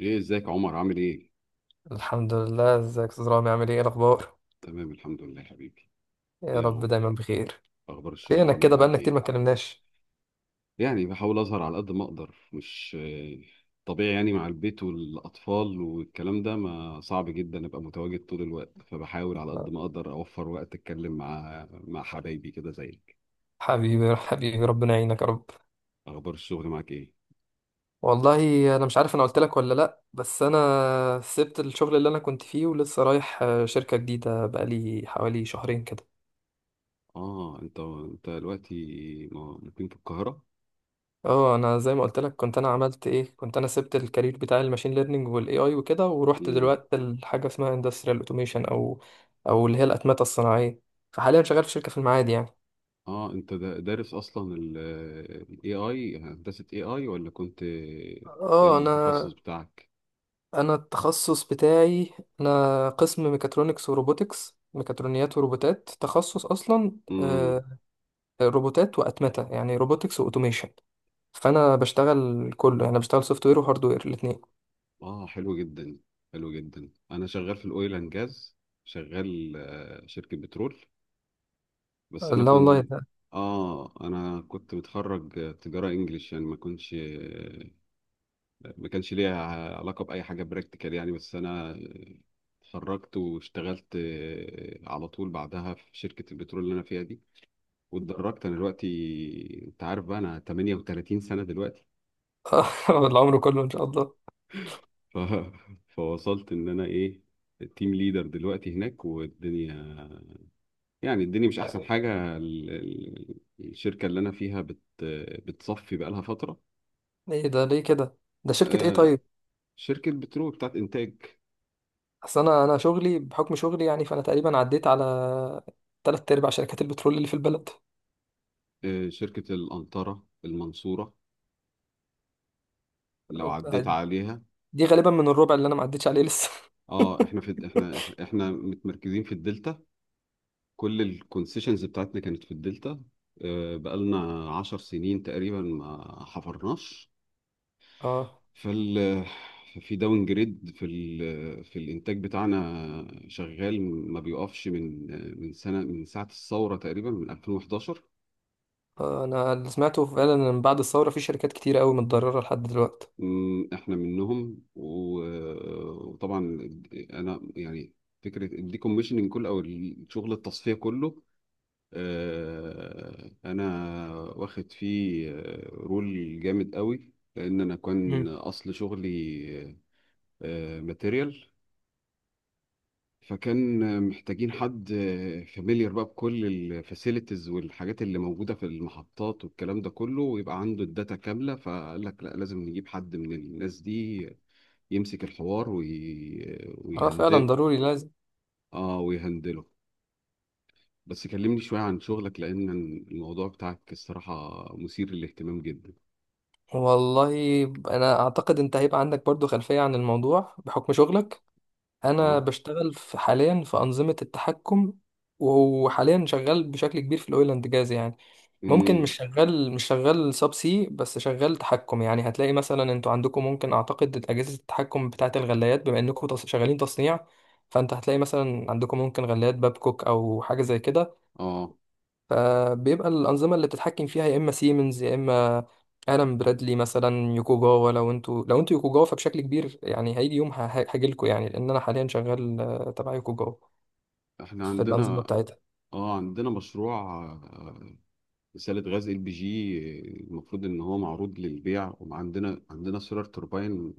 ايه، ازيك يا عمر؟ عامل ايه؟ الحمد لله، ازيك يا استاذ رامي؟ عامل ايه؟ إيه الاخبار؟ تمام، الحمد لله حبيبي. يا ايه رب أغ- دايما بخير. اخبار الشغل فينك عامل كده؟ معاك بقالنا كتير ما ايه؟ اتكلمناش. يعني بحاول اظهر على قد ما اقدر، مش طبيعي، يعني مع البيت والاطفال والكلام ده، ما صعب جدا ابقى متواجد طول الوقت، فبحاول على قد ما اقدر اوفر وقت اتكلم مع حبايبي كده زيك. حبيبي حبيبي، ربنا يعينك يا رب. اخبار الشغل معاك ايه؟ والله انا مش عارف انا قلت لك ولا لا، بس انا سبت الشغل اللي انا كنت فيه ولسه رايح شركة جديدة بقالي حوالي شهرين كده. اه، انت دلوقتي مقيم في القاهرة؟ اه، انا زي ما قلت لك، كنت انا سبت الكارير بتاع الماشين ليرنينج والاي اي وكده، ورحت دلوقتي لحاجة اسمها اندستريال اوتوميشن او اللي هي الاتمتة الصناعية. فحاليا شغال في شركة في المعادي يعني. اه، انت دارس اصلا ال AI، هندسة AI ولا كنت ايه اه، انا التخصص بتاعك؟ انا التخصص بتاعي، انا قسم ميكاترونكس وروبوتكس، ميكاترونيات وروبوتات تخصص اصلا امم. روبوتات واتمته، يعني روبوتكس واوتوميشن. فانا بشتغل كله يعني، بشتغل سوفت وير وهارد وير الاثنين. اه، حلو جدا، حلو جدا. انا شغال في الاويل اند جاز، شغال شركة بترول. لا بس انا والله كنت، ده اه انا كنت متخرج تجارة انجليش، يعني ما كانش ليا علاقة بأي حاجة براكتيكال يعني. بس انا اتخرجت واشتغلت على طول بعدها في شركة البترول اللي انا فيها دي، واتدرجت. انا دلوقتي انت عارف بقى، انا 38 سنة دلوقتي. العمر كله ان شاء الله. ف... فوصلت ان انا ايه، التيم ليدر دلوقتي هناك. والدنيا يعني، الدنيا مش احسن حاجة. الشركة اللي انا فيها بتصفي بقى لها فترة. ايه ده ليه كده؟ ده شركه ايه آه، طيب؟ شركة بترول بتاعت انتاج. اصل انا شغلي بحكم شغلي، يعني فانا تقريبا عديت على تلات ارباع شركات البترول اللي في البلد. شركة القنطرة المنصورة، لو عديت عليها. دي غالبا من الربع اللي انا ما عديتش عليه لسه. اه، احنا في احنا احنا متمركزين في الدلتا، كل الكونسيشنز بتاعتنا كانت في الدلتا. بقالنا 10 سنين تقريبا ما حفرناش. اه فال في داون جريد في الانتاج بتاعنا، شغال ما بيقفش، من سنه، من ساعه الثوره، تقريبا من 2011. انا اللي سمعته فعلا ان من بعد الثوره في شركات كتير قوي متضرره لحد دلوقتي. احنا منهم وطبعا انا يعني فكره الديكوميشننج كله او شغل التصفيه كله. انا واخد فيه رول جامد قوي، لان انا كان مم. اصل شغلي ماتيريال، فكان محتاجين حد فاميليار بقى بكل الفاسيلتيز والحاجات اللي موجوده في المحطات والكلام ده كله، ويبقى عنده الداتا كامله. فقال لك لا، لازم نجيب حد من الناس دي يمسك الحوار وي... آه، اه فعلا، ويهندل، ضروري لازم. اه ويهندله. بس كلمني شويه عن شغلك، لان الموضوع بتاعك الصراحه مثير للاهتمام جدا. والله انا اعتقد انت هيبقى عندك برضو خلفيه عن الموضوع بحكم شغلك. انا اه. بشتغل في حاليا في انظمه التحكم، وحاليا شغال بشكل كبير في الاويل اند جاز يعني. ممكن مش امم. شغال، سب سي، بس شغال تحكم. يعني هتلاقي مثلا انتوا عندكم، ممكن اعتقد، اجهزه التحكم بتاعه الغلايات، بما انكم شغالين تصنيع. فانت هتلاقي مثلا عندكم ممكن غلايات بابكوك او حاجه زي كده. اه، فبيبقى الانظمه اللي بتتحكم فيها يا اما سيمنز، يا اما الان برادلي، مثلا يوكوجاوا. لو انتوا يوكوجاوا فبشكل كبير يعني هيجي يوم هاجي لكم يعني، لان انا حاليا شغال تبع يوكوجاوا احنا في الانظمه عندنا بتاعتها. اه عندنا مشروع رسالة غاز ال بي جي، المفروض ان هو معروض للبيع. وعندنا سولار توربين،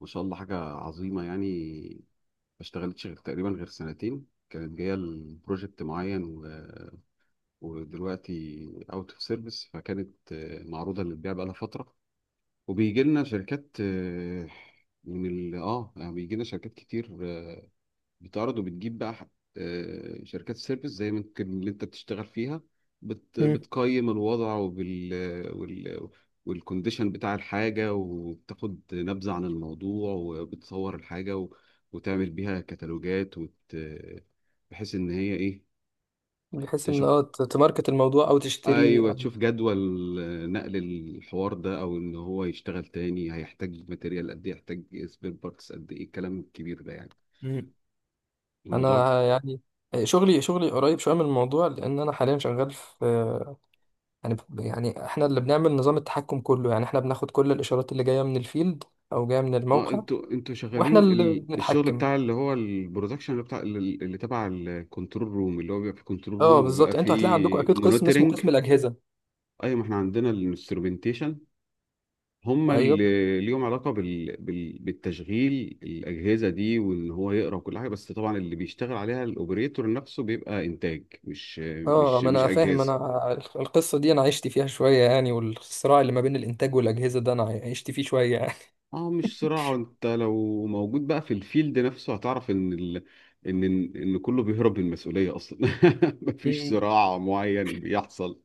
ما شاء الله حاجة عظيمة يعني. ما اشتغلتش غير تقريبا غير سنتين، كانت جاية لبروجكت معين، ودلوقتي اوت اوف سيرفيس. فكانت معروضة للبيع بقالها فترة، وبيجي لنا شركات من ال اه يعني بيجي لنا شركات كتير بتعرض وبتجيب بقى، شركات سيرفيس زي ما يمكن اللي انت بتشتغل فيها، مم. بتقيم الوضع، وبال وال والكونديشن بتاع الحاجة، وبتاخد نبذة عن الموضوع، وبتصور الحاجة وتعمل بيها كتالوجات بحيث ان هي ايه، بحيث ان تشوف. اه تماركت الموضوع او تشتري ايوه، تشوف جدول نقل الحوار ده، او ان هو يشتغل تاني هيحتاج ماتيريال قد ايه، يحتاج سبير بارتس قد ايه، الكلام الكبير ده يعني. مم. الموضوع. انا يعني شغلي قريب شويه من الموضوع، لان انا حاليا شغال في، يعني احنا اللي بنعمل نظام التحكم كله. يعني احنا بناخد كل الاشارات اللي جايه من الفيلد او جايه من اه، الموقع، انتوا واحنا شغالين اللي الشغل بنتحكم. بتاع اللي هو البرودكشن، اللي بتاع اللي تبع الكنترول روم، اللي هو بيبقى في كنترول روم اه وبيبقى بالظبط، انتوا هتلاقي عندكم فيه اكيد قسم اسمه مونيتورنج. قسم الاجهزه. ايوه، ما احنا عندنا الانسترومنتيشن، هم ايوه، اللي ليهم علاقه بالتشغيل. الاجهزه دي وان هو يقرا وكل حاجه، بس طبعا اللي بيشتغل عليها الاوبريتور نفسه، بيبقى انتاج، مش اه مش ما مش انا فاهم، اجهزه. انا القصه دي انا عشت فيها شويه يعني، والصراع اللي ما بين الانتاج والاجهزه ده انا عشت فيه شويه يعني. اه، مش صراع. انت لو موجود بقى في الفيلد نفسه هتعرف ان ال... ان ان كله بيهرب من المسؤوليه اصلا. مفيش مم. صراع معين بيحصل،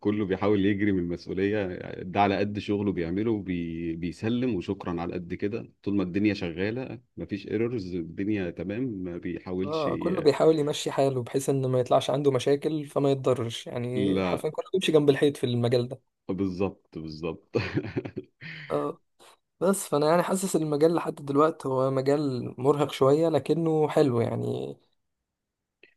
كله بيحاول يجري من المسؤوليه، ده على قد شغله بيعمله بيسلم وشكرا على قد كده. طول ما الدنيا شغاله مفيش ايرورز، الدنيا تمام، ما بيحاولش اه كله بيحاول يمشي حاله بحيث ان ما يطلعش عنده مشاكل فما يتضرش، يعني لا. حرفيا كله بيمشي جنب الحيط في المجال ده. بالظبط، بالظبط. اه، بس فانا يعني حاسس المجال لحد دلوقتي هو مجال مرهق شويه لكنه حلو، يعني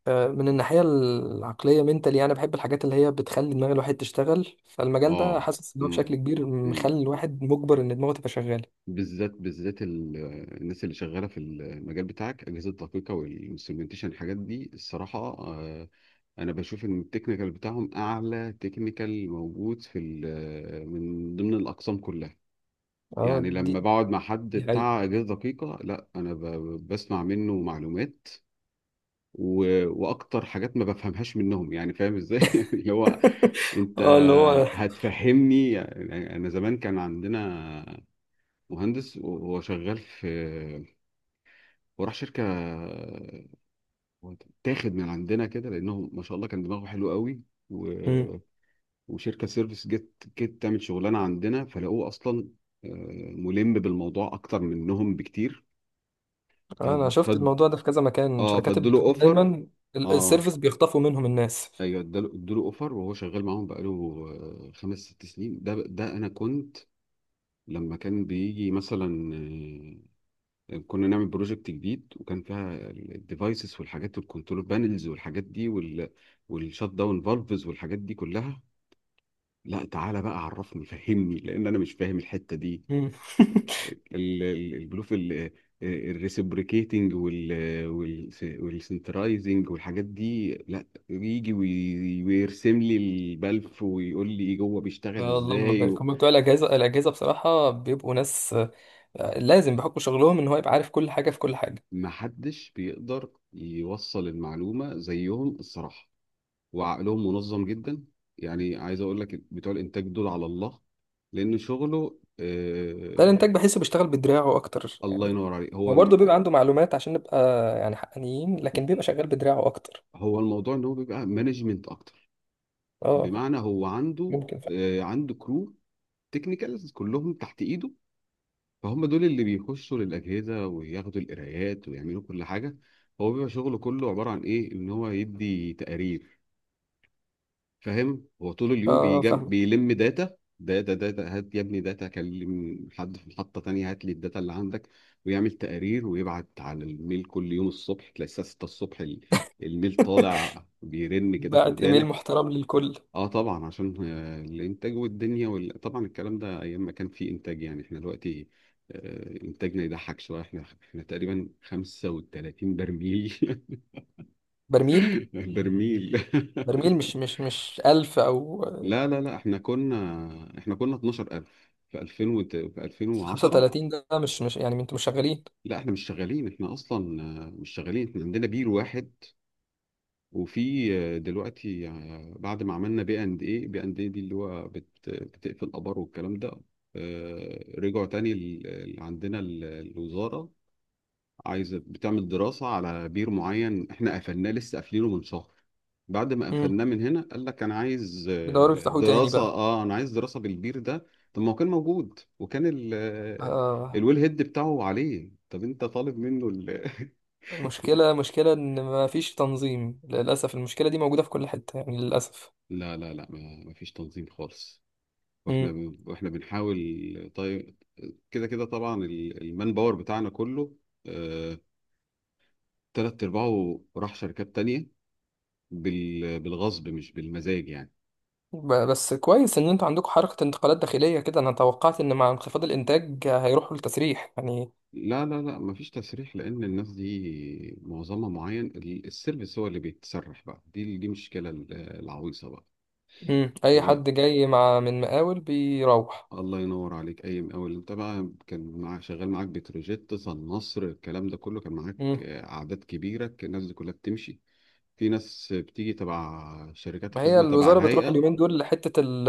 من الناحيه العقليه منتالي. انا بحب الحاجات اللي هي بتخلي دماغ الواحد تشتغل، فالمجال ده اه. حاسس ان هو بشكل امم. كبير امم. مخلي الواحد مجبر ان دماغه تبقى شغاله. بالذات، بالذات الناس اللي شغاله في المجال بتاعك، اجهزه دقيقه والانسترومنتيشن الحاجات دي الصراحه، انا بشوف ان التكنيكال بتاعهم اعلى تكنيكال موجود من ضمن الاقسام كلها. اه، يعني لما دي بقعد مع حد دي حقيقة. بتاع اجهزه دقيقه، لا، انا بسمع منه معلومات و... واكتر حاجات ما بفهمهاش منهم، يعني فاهم ازاي؟ اللي هو انت اه اللي هو هتفهمني يعني. انا زمان كان عندنا مهندس، وهو شغال في، وراح شركه تاخد من عندنا كده، لانهم ما شاء الله كان دماغه حلو قوي. و... مم. وشركه سيرفيس جت تعمل شغلانه عندنا، فلقوه اصلا آه، ملم بالموضوع اكتر منهم بكتير. فد انا شفت فد الموضوع ده في كذا مكان، اه، شركات فادوله البترول اوفر. دايما اه، السيرفيس بيخطفوا منهم الناس. ايوه، ادوله اوفر، وهو شغال معاهم بقاله خمس ست سنين. ده انا كنت لما كان بيجي مثلا كنا نعمل بروجكت جديد، وكان فيها الديفايسز والحاجات والكنترول بانلز والحاجات دي والشات داون فالفز والحاجات دي كلها، لا تعالى بقى عرفني، فهمني، لان انا مش فاهم الحته دي. مم. البلوف الريسبريكيتنج والسنترايزنج والحاجات دي، لا يجي ويرسم لي البلف ويقول لي ايه جوه، بيشتغل آه، اللهم ازاي بارك، هم بتوع الاجهزه، الاجهزه بصراحه بيبقوا ناس لازم بحكم شغلهم ان هو يبقى عارف كل حاجه في كل حاجه. محدش بيقدر يوصل المعلومه زيهم الصراحه، وعقلهم منظم جدا. يعني عايز اقول لك بتوع الانتاج دول على الله، لان شغله ده آه. الانتاج بحسه بيشتغل بدراعه اكتر الله يعني. ينور عليك. هو برضه بيبقى عنده معلومات، عشان نبقى يعني حقانيين، لكن بيبقى شغال بدراعه اكتر. هو الموضوع ان هو بيبقى مانجمنت اكتر. اه، بمعنى هو عنده ممكن فعلا. عنده كرو، تكنيكالز كلهم تحت ايده، فهم دول اللي بيخشوا للاجهزه وياخدوا القرايات ويعملوا كل حاجه. هو بيبقى شغله كله عباره عن ايه؟ ان هو يدي تقارير. فاهم؟ هو طول اليوم اه فاهمك. بيلم داتا داتا داتا، هات يا ابني داتا، كلم حد في محطة تانية هات لي الداتا اللي عندك، ويعمل تقارير ويبعت على الميل، كل يوم الصبح تلاقي الساعة 6 الصبح الميل طالع بيرن كده في بعت ايميل ودانك. محترم للكل. اه طبعا، عشان الانتاج والدنيا طبعا الكلام ده ايام ما كان في انتاج، يعني احنا دلوقتي انتاجنا يضحك شويه، احنا تقريبا 35 برميل. برميل؟ برميل. برميل مش مش 1000 او لا لا لا، احنا كنا، احنا كنا 12,000 في 2000 في 2010. 35 ده مش يعني، انتوا مش شغالين؟ لا، احنا مش شغالين، احنا اصلا مش شغالين. احنا عندنا بير واحد، وفي دلوقتي بعد ما عملنا بي اند ايه، بي اند ايه دي اللي هو بتقفل ابار والكلام ده. رجعوا تاني، عندنا الوزارة عايزة بتعمل دراسة على بير معين احنا قفلناه، لسه قافلينه من شهر. بعد ما امم قفلناه من هنا قال لك انا عايز بيدوروا يفتحوه تاني دراسة. بقى. اه، انا عايز دراسة بالبير ده. طب ما هو كان موجود، وكان ال آه، آه، الويل هيد بتاعه عليه، طب انت طالب منه المشكله، مشكله ان ما فيش تنظيم، للاسف. المشكله دي موجوده في كل حته يعني للاسف. لا لا لا، ما فيش تنظيم خالص. واحنا واحنا بنحاول طيب، كده كده. طبعا المان باور بتاعنا كله آه، تلات ارباعه راح شركات تانية، بالغصب مش بالمزاج يعني. بس كويس ان انتوا عندكم حركة انتقالات داخلية كده، انا توقعت ان مع انخفاض الانتاج هيروحوا للتسريح يعني. لا لا لا، مفيش تسريح، لان الناس دي معظمها معين. السيرفيس هو اللي بيتسرح بقى، دي مشكله العويصه بقى. مم. اي وبقى حد جاي مع من مقاول بيروح. الله ينور عليك. اي مقاول انت بقى كان معاك شغال معاك، بتروجيت، صن، نصر، الكلام ده كله، كان معاك مم. اعداد كبيره، كان الناس دي كلها بتمشي، في ناس بتيجي تبع شركات ما هي خدمه تبع الوزارة بتروح الهيئه. اليومين دول لحتة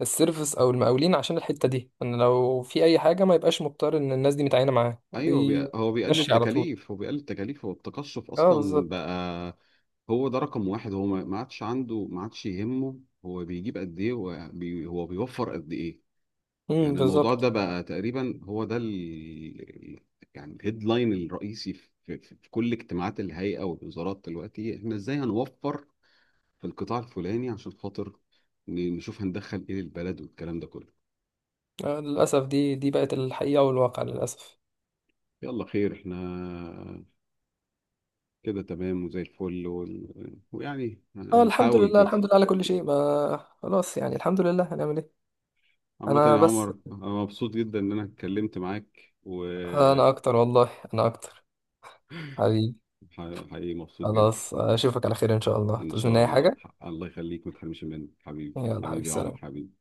السيرفس او المقاولين، عشان الحتة دي ان لو في اي حاجة ما يبقاش مضطر ان الناس دي متعينة معاه، ايوه، هو بيقلل بيمشي على طول. تكاليف، هو التقشف اه اصلا بالظبط. بقى. هو ده رقم واحد، هو ما ما عادش عنده ما عادش يهمه هو بيجيب قد ايه، هو بيوفر قد ايه. مم، يعني الموضوع ده بالظبط. بقى تقريبا هو ده ال، يعني الهيدلاين الرئيسي في كل اجتماعات الهيئة والوزارات دلوقتي، احنا ازاي هنوفر في القطاع الفلاني عشان خاطر نشوف هندخل ايه للبلد والكلام ده كله. آه، للاسف دي بقت الحقيقة والواقع، للاسف. يلا خير، احنا كده تمام وزي الفل ويعني اه الحمد هنحاول لله، كده. الحمد لله على كل شيء، ما خلاص يعني، الحمد لله. هنعمل ايه؟ عامة انا يا عمر، بس، أنا مبسوط جدا إن أنا اتكلمت معاك، وحقيقي انا اكتر والله انا اكتر، حبيبي. مبسوط جدا. خلاص اشوفك على خير ان شاء الله، إن تعوز مني شاء اي الله، حاجه الله يخليك، ما تحرمش مني حبيبي، يلا حبيبي، حبيبي يا عمر، سلام. حبيبي.